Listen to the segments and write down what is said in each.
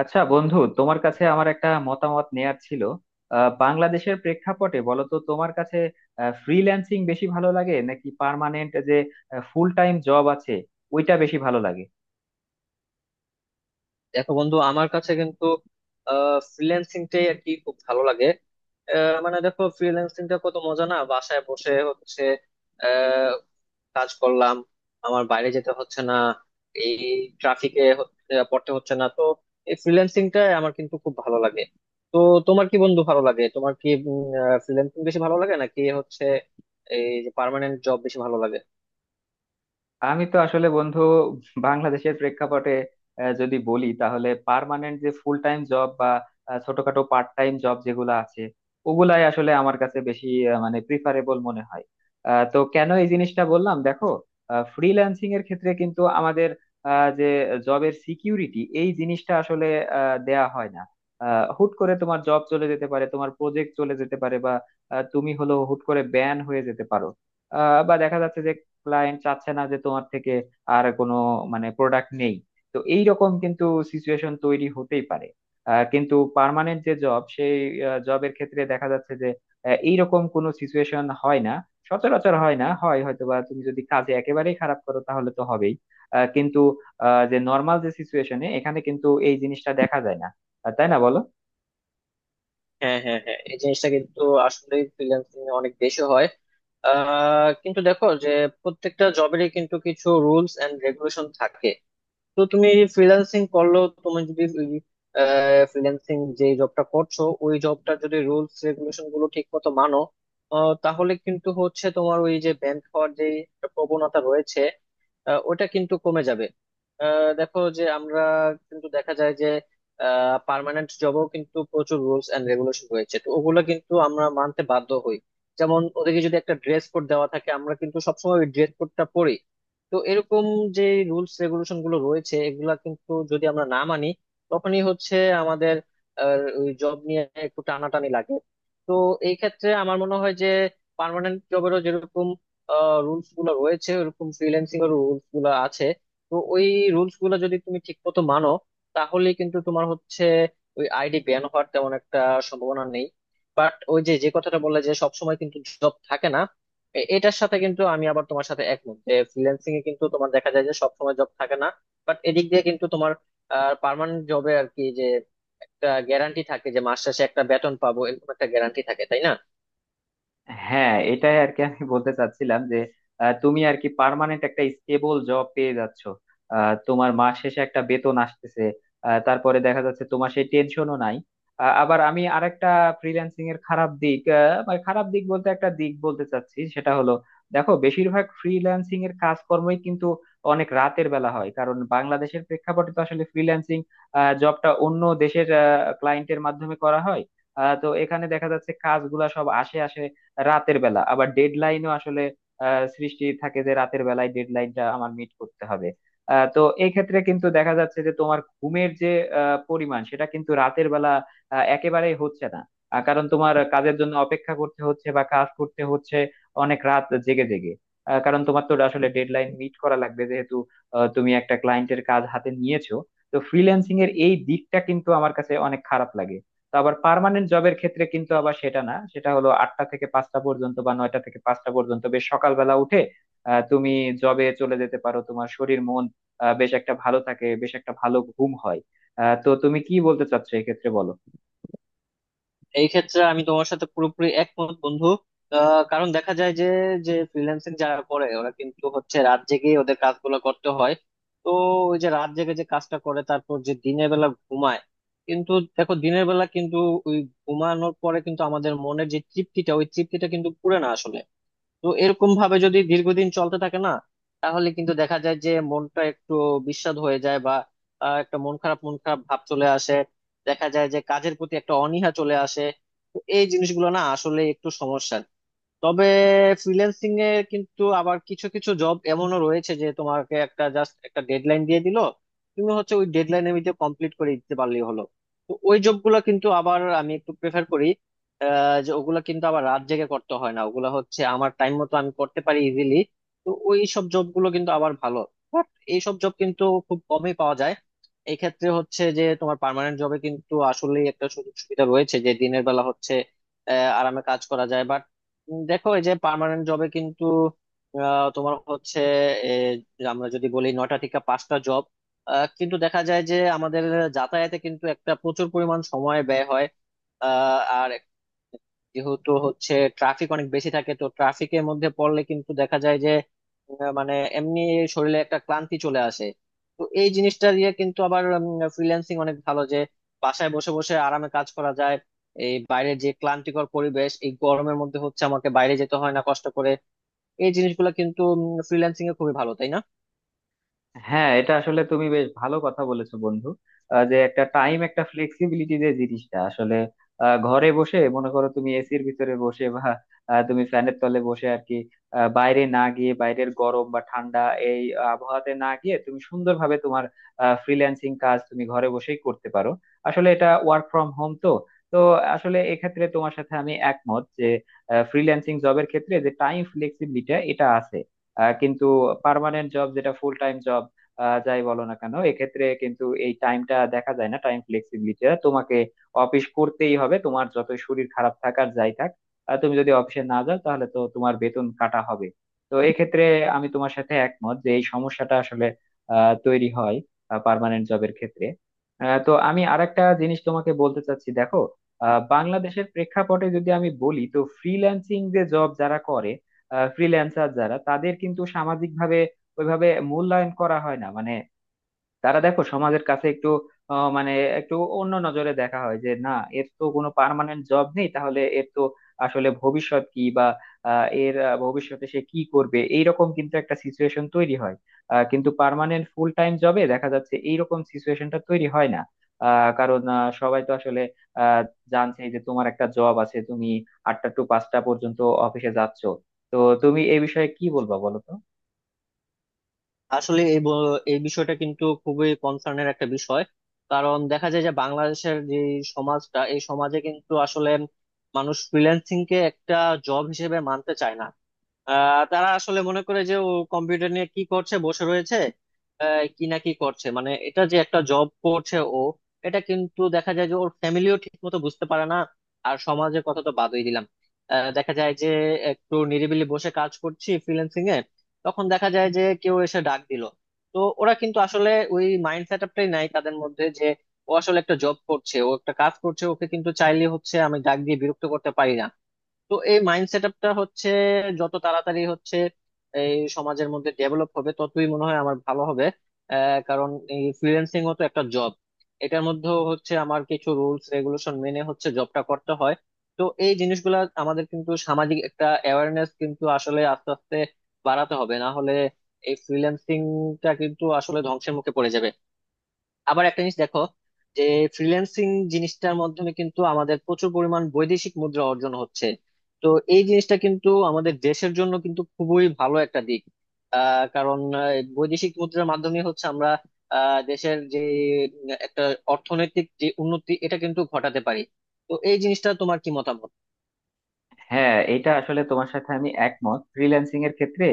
আচ্ছা বন্ধু, তোমার কাছে আমার একটা মতামত নেয়ার ছিল। বাংলাদেশের প্রেক্ষাপটে বলো তো, তোমার কাছে ফ্রিল্যান্সিং বেশি ভালো লাগে, নাকি পার্মানেন্ট যে ফুল টাইম জব আছে ওইটা বেশি ভালো লাগে? দেখো বন্ধু আমার কাছে কিন্তু ফ্রিল্যান্সিংটাই আর কি খুব ভালো লাগে। মানে দেখো ফ্রিল্যান্সিংটা কত মজা না, বাসায় বসে হচ্ছে, আহ, কাজ করলাম, আমার বাইরে যেতে হচ্ছে না, এই ট্রাফিকে পড়তে হচ্ছে না তো। এই ফ্রিল্যান্সিংটা আমার কিন্তু খুব ভালো লাগে। তো তোমার কি বন্ধু ভালো লাগে, তোমার কি ফ্রিল্যান্সিং বেশি ভালো লাগে নাকি হচ্ছে এই যে পার্মানেন্ট জব বেশি ভালো লাগে? আমি তো আসলে বন্ধু, বাংলাদেশের প্রেক্ষাপটে যদি বলি, তাহলে পার্মানেন্ট যে ফুল টাইম জব বা ছোটখাটো পার্ট টাইম জব যেগুলো আছে, ওগুলাই আসলে আমার কাছে বেশি মানে প্রিফারেবল মনে হয়। তো কেন এই জিনিসটা বললাম, দেখো, ফ্রিল্যান্সিং এর ক্ষেত্রে কিন্তু আমাদের আহ, যে জবের সিকিউরিটি এই জিনিসটা আসলে দেয়া হয় না। হুট করে তোমার জব চলে যেতে পারে, তোমার প্রজেক্ট চলে যেতে পারে, বা তুমি হলো হুট করে ব্যান হয়ে যেতে পারো। বা দেখা যাচ্ছে যে ক্লায়েন্ট চাচ্ছে না যে তোমার থেকে আর কোনো মানে প্রোডাক্ট নেই। তো এই রকম কিন্তু সিচুয়েশন তৈরি হতেই পারে। কিন্তু পার্মানেন্ট যে জব, সেই জবের ক্ষেত্রে দেখা যাচ্ছে যে এইরকম কোনো সিচুয়েশন হয় না। সচরাচর হয় না, হয় হয়তোবা তুমি যদি কাজে একেবারেই খারাপ করো তাহলে তো হবেই। কিন্তু যে নর্মাল যে সিচুয়েশনে, এখানে কিন্তু এই জিনিসটা দেখা যায় না। তাই না, বলো? হ্যাঁ, হ্যাঁ, হ্যাঁ, এই জিনিসটা কিন্তু আসলে ফ্রিল্যান্সিং অনেক বেশি হয়। কিন্তু দেখো যে প্রত্যেকটা জবেরই কিন্তু কিছু রুলস এন্ড রেগুলেশন থাকে। তো তুমি ফ্রিল্যান্সিং করলো, তুমি যদি ফ্রিল্যান্সিং যে জবটা করছো ওই জবটা যদি রুলস রেগুলেশন গুলো ঠিক মতো মানো, তাহলে কিন্তু হচ্ছে তোমার ওই যে ব্যাংক হওয়ার যে একটা প্রবণতা রয়েছে, ওটা কিন্তু কমে যাবে। দেখো যে আমরা কিন্তু দেখা যায় যে পার্মানেন্ট জবেও কিন্তু প্রচুর রুলস এন্ড রেগুলেশন রয়েছে, তো ওগুলো কিন্তু আমরা মানতে বাধ্য হই। যেমন ওদেরকে যদি একটা ড্রেস কোড দেওয়া থাকে আমরা কিন্তু সবসময় ওই ড্রেস কোডটা পরি। তো এরকম যে রুলস রেগুলেশন গুলো রয়েছে এগুলা কিন্তু যদি আমরা না মানি তখনই হচ্ছে আমাদের ওই জব নিয়ে একটু টানাটানি লাগে। তো এই ক্ষেত্রে আমার মনে হয় যে পার্মানেন্ট জবেরও যেরকম রুলস গুলো রয়েছে ওরকম ফ্রিল্যান্সিং এর রুলস গুলো আছে। তো ওই রুলস গুলো যদি তুমি ঠিক মতো মানো তাহলে কিন্তু তোমার হচ্ছে ওই আইডি ব্যান হওয়ার তেমন একটা সম্ভাবনা নেই। বাট ওই যে যে কথাটা বললে যে সবসময় কিন্তু জব থাকে না, এটার সাথে কিন্তু আমি আবার তোমার সাথে একমত যে ফ্রিল্যান্সিং এ কিন্তু তোমার দেখা যায় যে সবসময় জব থাকে না। বাট এদিক দিয়ে কিন্তু তোমার পার্মানেন্ট জবে আর কি যে একটা গ্যারান্টি থাকে যে মাস শেষে একটা বেতন পাবো, এরকম একটা গ্যারান্টি থাকে, তাই না? হ্যাঁ, এটাই আর কি আমি বলতে চাচ্ছিলাম যে তুমি আর কি পার্মানেন্ট একটা স্টেবল জব পেয়ে যাচ্ছ, তোমার মাস শেষে একটা বেতন আসতেছে, তারপরে দেখা যাচ্ছে তোমার সেই টেনশনও নাই। আবার আমি আরেকটা ফ্রিল্যান্সিং এর খারাপ দিক, মানে খারাপ দিক বলতে একটা দিক বলতে চাচ্ছি, সেটা হলো দেখো, বেশিরভাগ ফ্রিল্যান্সিং এর কাজকর্মই কিন্তু অনেক রাতের বেলা হয়, কারণ বাংলাদেশের প্রেক্ষাপটে তো আসলে ফ্রিল্যান্সিং জবটা অন্য দেশের ক্লায়েন্টের মাধ্যমে করা হয়। তো এখানে দেখা যাচ্ছে কাজগুলা সব আসে আসে রাতের বেলা। আবার ডেডলাইনও আসলে সৃষ্টি থাকে যে রাতের বেলায় ডেডলাইনটা আমার মিট করতে হবে। তো এই ক্ষেত্রে কিন্তু দেখা যাচ্ছে যে তোমার ঘুমের যে পরিমাণ, সেটা কিন্তু রাতের বেলা একেবারেই হচ্ছে না, কারণ তোমার কাজের জন্য অপেক্ষা করতে হচ্ছে, বা কাজ করতে হচ্ছে অনেক রাত জেগে জেগে, কারণ তোমার তো আসলে ডেডলাইন মিট করা লাগবে, যেহেতু তুমি একটা ক্লায়েন্টের কাজ হাতে নিয়েছো। তো ফ্রিল্যান্সিং এর এই দিকটা কিন্তু আমার কাছে অনেক খারাপ লাগে। তো আবার পার্মানেন্ট জবের ক্ষেত্রে কিন্তু আবার সেটা না, সেটা হলো আটটা থেকে পাঁচটা পর্যন্ত বা নয়টা থেকে পাঁচটা পর্যন্ত, বেশ সকালবেলা উঠে তুমি জবে চলে যেতে পারো, তোমার শরীর মন বেশ একটা ভালো থাকে, বেশ একটা ভালো ঘুম হয়। তো তুমি কি বলতে চাচ্ছো এই ক্ষেত্রে, বলো। এই ক্ষেত্রে আমি তোমার সাথে পুরোপুরি একমত বন্ধু। কারণ দেখা যায় যে যে ফ্রিল্যান্সিং যারা করে ওরা কিন্তু হচ্ছে রাত জেগে ওদের কাজগুলো করতে হয়। তো ওই যে রাত জেগে যে কাজটা করে তারপর যে দিনের বেলা ঘুমায়, কিন্তু দেখো দিনের বেলা কিন্তু ওই ঘুমানোর পরে কিন্তু আমাদের মনের যে তৃপ্তিটা, ওই তৃপ্তিটা কিন্তু পুরে না আসলে। তো এরকম ভাবে যদি দীর্ঘদিন চলতে থাকে না, তাহলে কিন্তু দেখা যায় যে মনটা একটু বিস্বাদ হয়ে যায় বা একটা মন খারাপ মন খারাপ ভাব চলে আসে, দেখা যায় যে কাজের প্রতি একটা অনীহা চলে আসে। তো এই জিনিসগুলো না আসলে একটু সমস্যা। তবে ফ্রিল্যান্সিং এ কিন্তু আবার কিছু কিছু জব এমনও রয়েছে যে তোমাকে একটা জাস্ট একটা ডেডলাইন দিয়ে দিল, তুমি হচ্ছে ওই ডেডলাইনের ভিতরে কমপ্লিট করে দিতে পারলেই হলো। তো ওই জবগুলো কিন্তু আবার আমি একটু প্রেফার করি, যে ওগুলা কিন্তু আবার রাত জেগে করতে হয় না, ওগুলা হচ্ছে আমার টাইম মতো আমি করতে পারি ইজিলি। তো ওই সব জবগুলো কিন্তু আবার ভালো। বাট এই সব জব কিন্তু খুব কমই পাওয়া যায়। এই ক্ষেত্রে হচ্ছে যে তোমার পার্মানেন্ট জবে কিন্তু আসলে একটা সুযোগ সুবিধা রয়েছে যে দিনের বেলা হচ্ছে আরামে কাজ করা যায়। দেখো এই যে পার্মানেন্ট জবে কিন্তু তোমার হচ্ছে এ, আমরা যদি বলি 9টা থেকে 5টা জব, কিন্তু দেখা যায় যে আমাদের যাতায়াতে কিন্তু একটা প্রচুর পরিমাণ সময় ব্যয় হয়। আর যেহেতু হচ্ছে ট্রাফিক অনেক বেশি থাকে তো ট্রাফিকের মধ্যে পড়লে কিন্তু দেখা যায় যে মানে এমনি শরীরে একটা ক্লান্তি চলে আসে। তো এই জিনিসটা দিয়ে কিন্তু আবার ফ্রিল্যান্সিং অনেক ভালো যে বাসায় বসে বসে আরামে কাজ করা যায়। এই বাইরে যে ক্লান্তিকর পরিবেশ, এই গরমের মধ্যে হচ্ছে আমাকে বাইরে যেতে হয় না কষ্ট করে। এই জিনিসগুলো কিন্তু ফ্রিল্যান্সিং এ খুবই ভালো, তাই না? হ্যাঁ, এটা আসলে তুমি বেশ ভালো কথা বলেছো বন্ধু। যে একটা টাইম, একটা ফ্লেক্সিবিলিটি, যে জিনিসটা আসলে ঘরে বসে, মনে করো তুমি এসির ভিতরে বসে, বা তুমি ফ্যানের তলে বসে আর কি, বাইরে না গিয়ে, বাইরের গরম বা ঠান্ডা এই আবহাওয়াতে না গিয়ে তুমি সুন্দরভাবে তোমার ফ্রিল্যান্সিং কাজ তুমি ঘরে বসেই করতে পারো, আসলে এটা ওয়ার্ক ফ্রম হোম তো। তো আসলে এক্ষেত্রে তোমার সাথে আমি একমত যে ফ্রিল্যান্সিং জবের ক্ষেত্রে যে টাইম ফ্লেক্সিবিলিটি, এটা আছে। কিন্তু পার্মানেন্ট জব, যেটা ফুল টাইম জব, যাই বলো না কেন, এক্ষেত্রে কিন্তু এই টাইমটা দেখা যায় না, টাইম ফ্লেক্সিবিলিটিটা। তোমাকে অফিস করতেই হবে, তোমার যত শরীর খারাপ থাক আর যাই থাক। তুমি যদি অফিসে না যাও তাহলে তো তোমার বেতন কাটা হবে। তো এক্ষেত্রে আমি তোমার সাথে একমত যে এই সমস্যাটা আসলে তৈরি হয় পার্মানেন্ট জবের ক্ষেত্রে। তো আমি আরেকটা জিনিস তোমাকে বলতে চাচ্ছি, দেখো, বাংলাদেশের প্রেক্ষাপটে যদি আমি বলি, তো ফ্রিল্যান্সিং যে জব যারা করে, ফ্রিল্যান্সার যারা, তাদের কিন্তু সামাজিকভাবে ওইভাবে মূল্যায়ন করা হয় না। মানে তারা দেখো, সমাজের কাছে একটু আহ, মানে একটু অন্য নজরে দেখা হয় যে, না, এর তো কোনো পার্মানেন্ট জব নেই, তাহলে এর তো আসলে ভবিষ্যৎ কি, বা এর ভবিষ্যতে সে কি করবে, এইরকম কিন্তু একটা সিচুয়েশন তৈরি হয়। কিন্তু পার্মানেন্ট ফুল টাইম জবে দেখা যাচ্ছে এইরকম সিচুয়েশনটা তৈরি হয় না, কারণ সবাই তো আসলে আহ, জানছে যে তোমার একটা জব আছে, তুমি আটটা টু পাঁচটা পর্যন্ত অফিসে যাচ্ছ। তো তুমি এই বিষয়ে কি বলবা, বলো তো। আসলে এই এই বিষয়টা কিন্তু খুবই কনসার্নের একটা বিষয়। কারণ দেখা যায় যে বাংলাদেশের যে সমাজটা, এই সমাজে কিন্তু আসলে মানুষ ফ্রিল্যান্সিং কে একটা জব হিসেবে মানতে চায় না। তারা আসলে মনে করে যে ও কম্পিউটার নিয়ে কি করছে, বসে রয়েছে, কি না কি করছে, মানে এটা যে একটা জব করছে ও, এটা কিন্তু দেখা যায় যে ওর ফ্যামিলিও ঠিক মতো বুঝতে পারে না, আর সমাজের কথা তো বাদই দিলাম। দেখা যায় যে একটু নিরিবিলি বসে কাজ করছি ফ্রিল্যান্সিং এ, তখন দেখা যায় যে কেউ এসে ডাক দিল। তো ওরা কিন্তু আসলে ওই মাইন্ড সেট আপটাই নাই তাদের মধ্যে যে ও আসলে একটা জব করছে, ও একটা কাজ করছে, ওকে কিন্তু চাইলে হচ্ছে আমি ডাক দিয়ে বিরক্ত করতে পারি না। তো এই মাইন্ড সেট আপটা হচ্ছে যত তাড়াতাড়ি হচ্ছে এই সমাজের মধ্যে ডেভেলপ হবে ততই মনে হয় আমার ভালো হবে। কারণ এই ফ্রিল্যান্সিং ও তো একটা জব, এটার মধ্যেও হচ্ছে আমার কিছু রুলস রেগুলেশন মেনে হচ্ছে জবটা করতে হয়। তো এই জিনিসগুলা আমাদের কিন্তু সামাজিক একটা অ্যাওয়ারনেস কিন্তু আসলে আস্তে আস্তে বাড়াতে হবে, না হলে এই ফ্রিল্যান্সিংটা কিন্তু আসলে ধ্বংসের মুখে পড়ে যাবে। আবার একটা জিনিস দেখো যে ফ্রিল্যান্সিং জিনিসটার মাধ্যমে কিন্তু আমাদের প্রচুর পরিমাণ বৈদেশিক মুদ্রা অর্জন হচ্ছে। তো এই জিনিসটা কিন্তু আমাদের দেশের জন্য কিন্তু খুবই ভালো একটা দিক। কারণ এই বৈদেশিক মুদ্রার মাধ্যমে হচ্ছে আমরা দেশের যে একটা অর্থনৈতিক যে উন্নতি এটা কিন্তু ঘটাতে পারি। তো এই জিনিসটা তোমার কি মতামত? হ্যাঁ, এটা আসলে তোমার সাথে আমি একমত। ফ্রিল্যান্সিং এর ক্ষেত্রে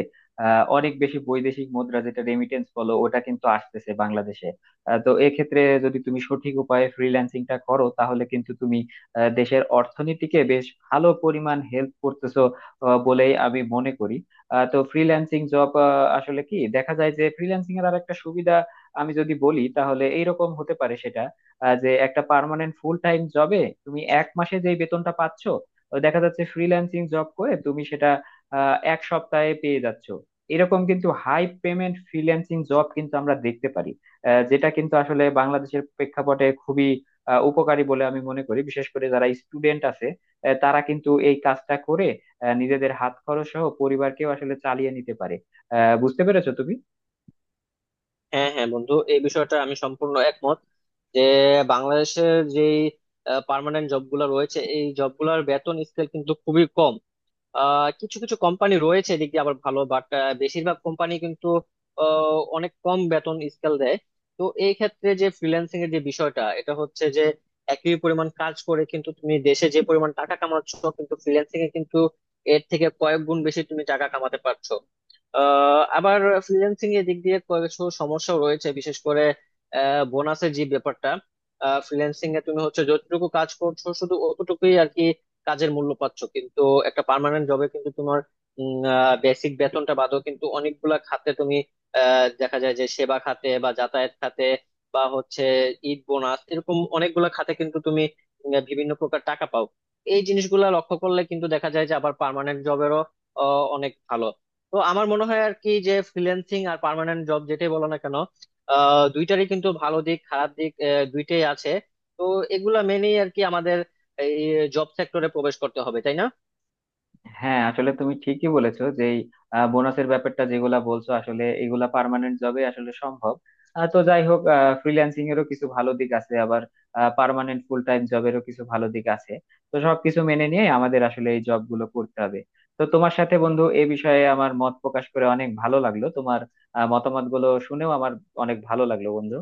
অনেক বেশি বৈদেশিক মুদ্রা, যেটা রেমিটেন্স বলো, ওটা কিন্তু আসতেছে বাংলাদেশে। তো এক্ষেত্রে যদি তুমি সঠিক উপায়ে ফ্রিল্যান্সিংটা করো তাহলে কিন্তু তুমি দেশের অর্থনীতিকে বেশ ভালো পরিমাণ হেল্প করতেছো বলেই আমি মনে করি। তো ফ্রিল্যান্সিং জব, আসলে কি দেখা যায় যে ফ্রিল্যান্সিং এর আর একটা সুবিধা আমি যদি বলি তাহলে এইরকম হতে পারে, সেটা যে একটা পার্মানেন্ট ফুল টাইম জবে তুমি এক মাসে যে বেতনটা পাচ্ছ, দেখা যাচ্ছে ফ্রিল্যান্সিং জব করে তুমি সেটা এক সপ্তাহে পেয়ে যাচ্ছ। এরকম কিন্তু হাই পেমেন্ট ফ্রিল্যান্সিং জব কিন্তু আমরা দেখতে পারি, যেটা কিন্তু আসলে বাংলাদেশের প্রেক্ষাপটে খুবই উপকারী বলে আমি মনে করি। বিশেষ করে যারা স্টুডেন্ট আছে তারা কিন্তু এই কাজটা করে নিজেদের হাত খরচ সহ পরিবারকেও আসলে চালিয়ে নিতে পারে। বুঝতে পেরেছো তুমি? হ্যাঁ, হ্যাঁ বন্ধু, এই বিষয়টা আমি সম্পূর্ণ একমত যে বাংলাদেশের যে পার্মানেন্ট জবগুলো রয়েছে এই জবগুলোর বেতন স্কেল কিন্তু খুবই কম। কিছু কিছু কোম্পানি রয়েছে এদিক দিয়ে আবার ভালো, বাট বেশিরভাগ কোম্পানি কিন্তু অনেক কম বেতন স্কেল দেয়। তো এই ক্ষেত্রে যে ফ্রিল্যান্সিং এর যে বিষয়টা, এটা হচ্ছে যে একই পরিমাণ কাজ করে কিন্তু তুমি দেশে যে পরিমাণ টাকা কামাচ্ছ, কিন্তু ফ্রিল্যান্সিং এ কিন্তু এর থেকে কয়েক গুণ বেশি তুমি টাকা কামাতে পারছো। আবার ফ্রিল্যান্সিং এর দিক দিয়ে কিছু সমস্যাও রয়েছে, বিশেষ করে বোনাসের যে ব্যাপারটা, ফ্রিল্যান্সিং এ তুমি হচ্ছে যতটুকু কাজ করছো শুধু অতটুকুই আর কি কাজের মূল্য পাচ্ছ। কিন্তু একটা পার্মানেন্ট জবে কিন্তু তোমার বেসিক বেতনটা বাদও কিন্তু অনেকগুলা খাতে তুমি দেখা যায় যে সেবা খাতে বা যাতায়াত খাতে বা হচ্ছে ঈদ বোনাস, এরকম অনেকগুলা খাতে কিন্তু তুমি বিভিন্ন প্রকার টাকা পাও। এই জিনিসগুলা লক্ষ্য করলে কিন্তু দেখা যায় যে আবার পার্মানেন্ট জবেরও অনেক ভালো। তো আমার মনে হয় আর কি যে ফ্রিল্যান্সিং আর পার্মানেন্ট জব যেটাই বলো না কেন, দুইটারই কিন্তু ভালো দিক খারাপ দিক দুইটাই আছে। তো এগুলা মেনেই আর কি আমাদের এই জব সেক্টরে প্রবেশ করতে হবে, তাই না? হ্যাঁ, আসলে তুমি ঠিকই বলেছো যে এই বোনাসের ব্যাপারটা যেগুলা বলছো, আসলে এগুলা পার্মানেন্ট জবে আসলে সম্ভব। তো যাই হোক, ফ্রিল্যান্সিং এরও কিছু ভালো দিক আছে, আবার পার্মানেন্ট ফুল টাইম জবেরও কিছু ভালো দিক আছে। তো সবকিছু মেনে নিয়ে আমাদের আসলে এই জব গুলো করতে হবে। তো তোমার সাথে বন্ধু এ বিষয়ে আমার মত প্রকাশ করে অনেক ভালো লাগলো, তোমার মতামত গুলো শুনেও আমার অনেক ভালো লাগলো বন্ধু।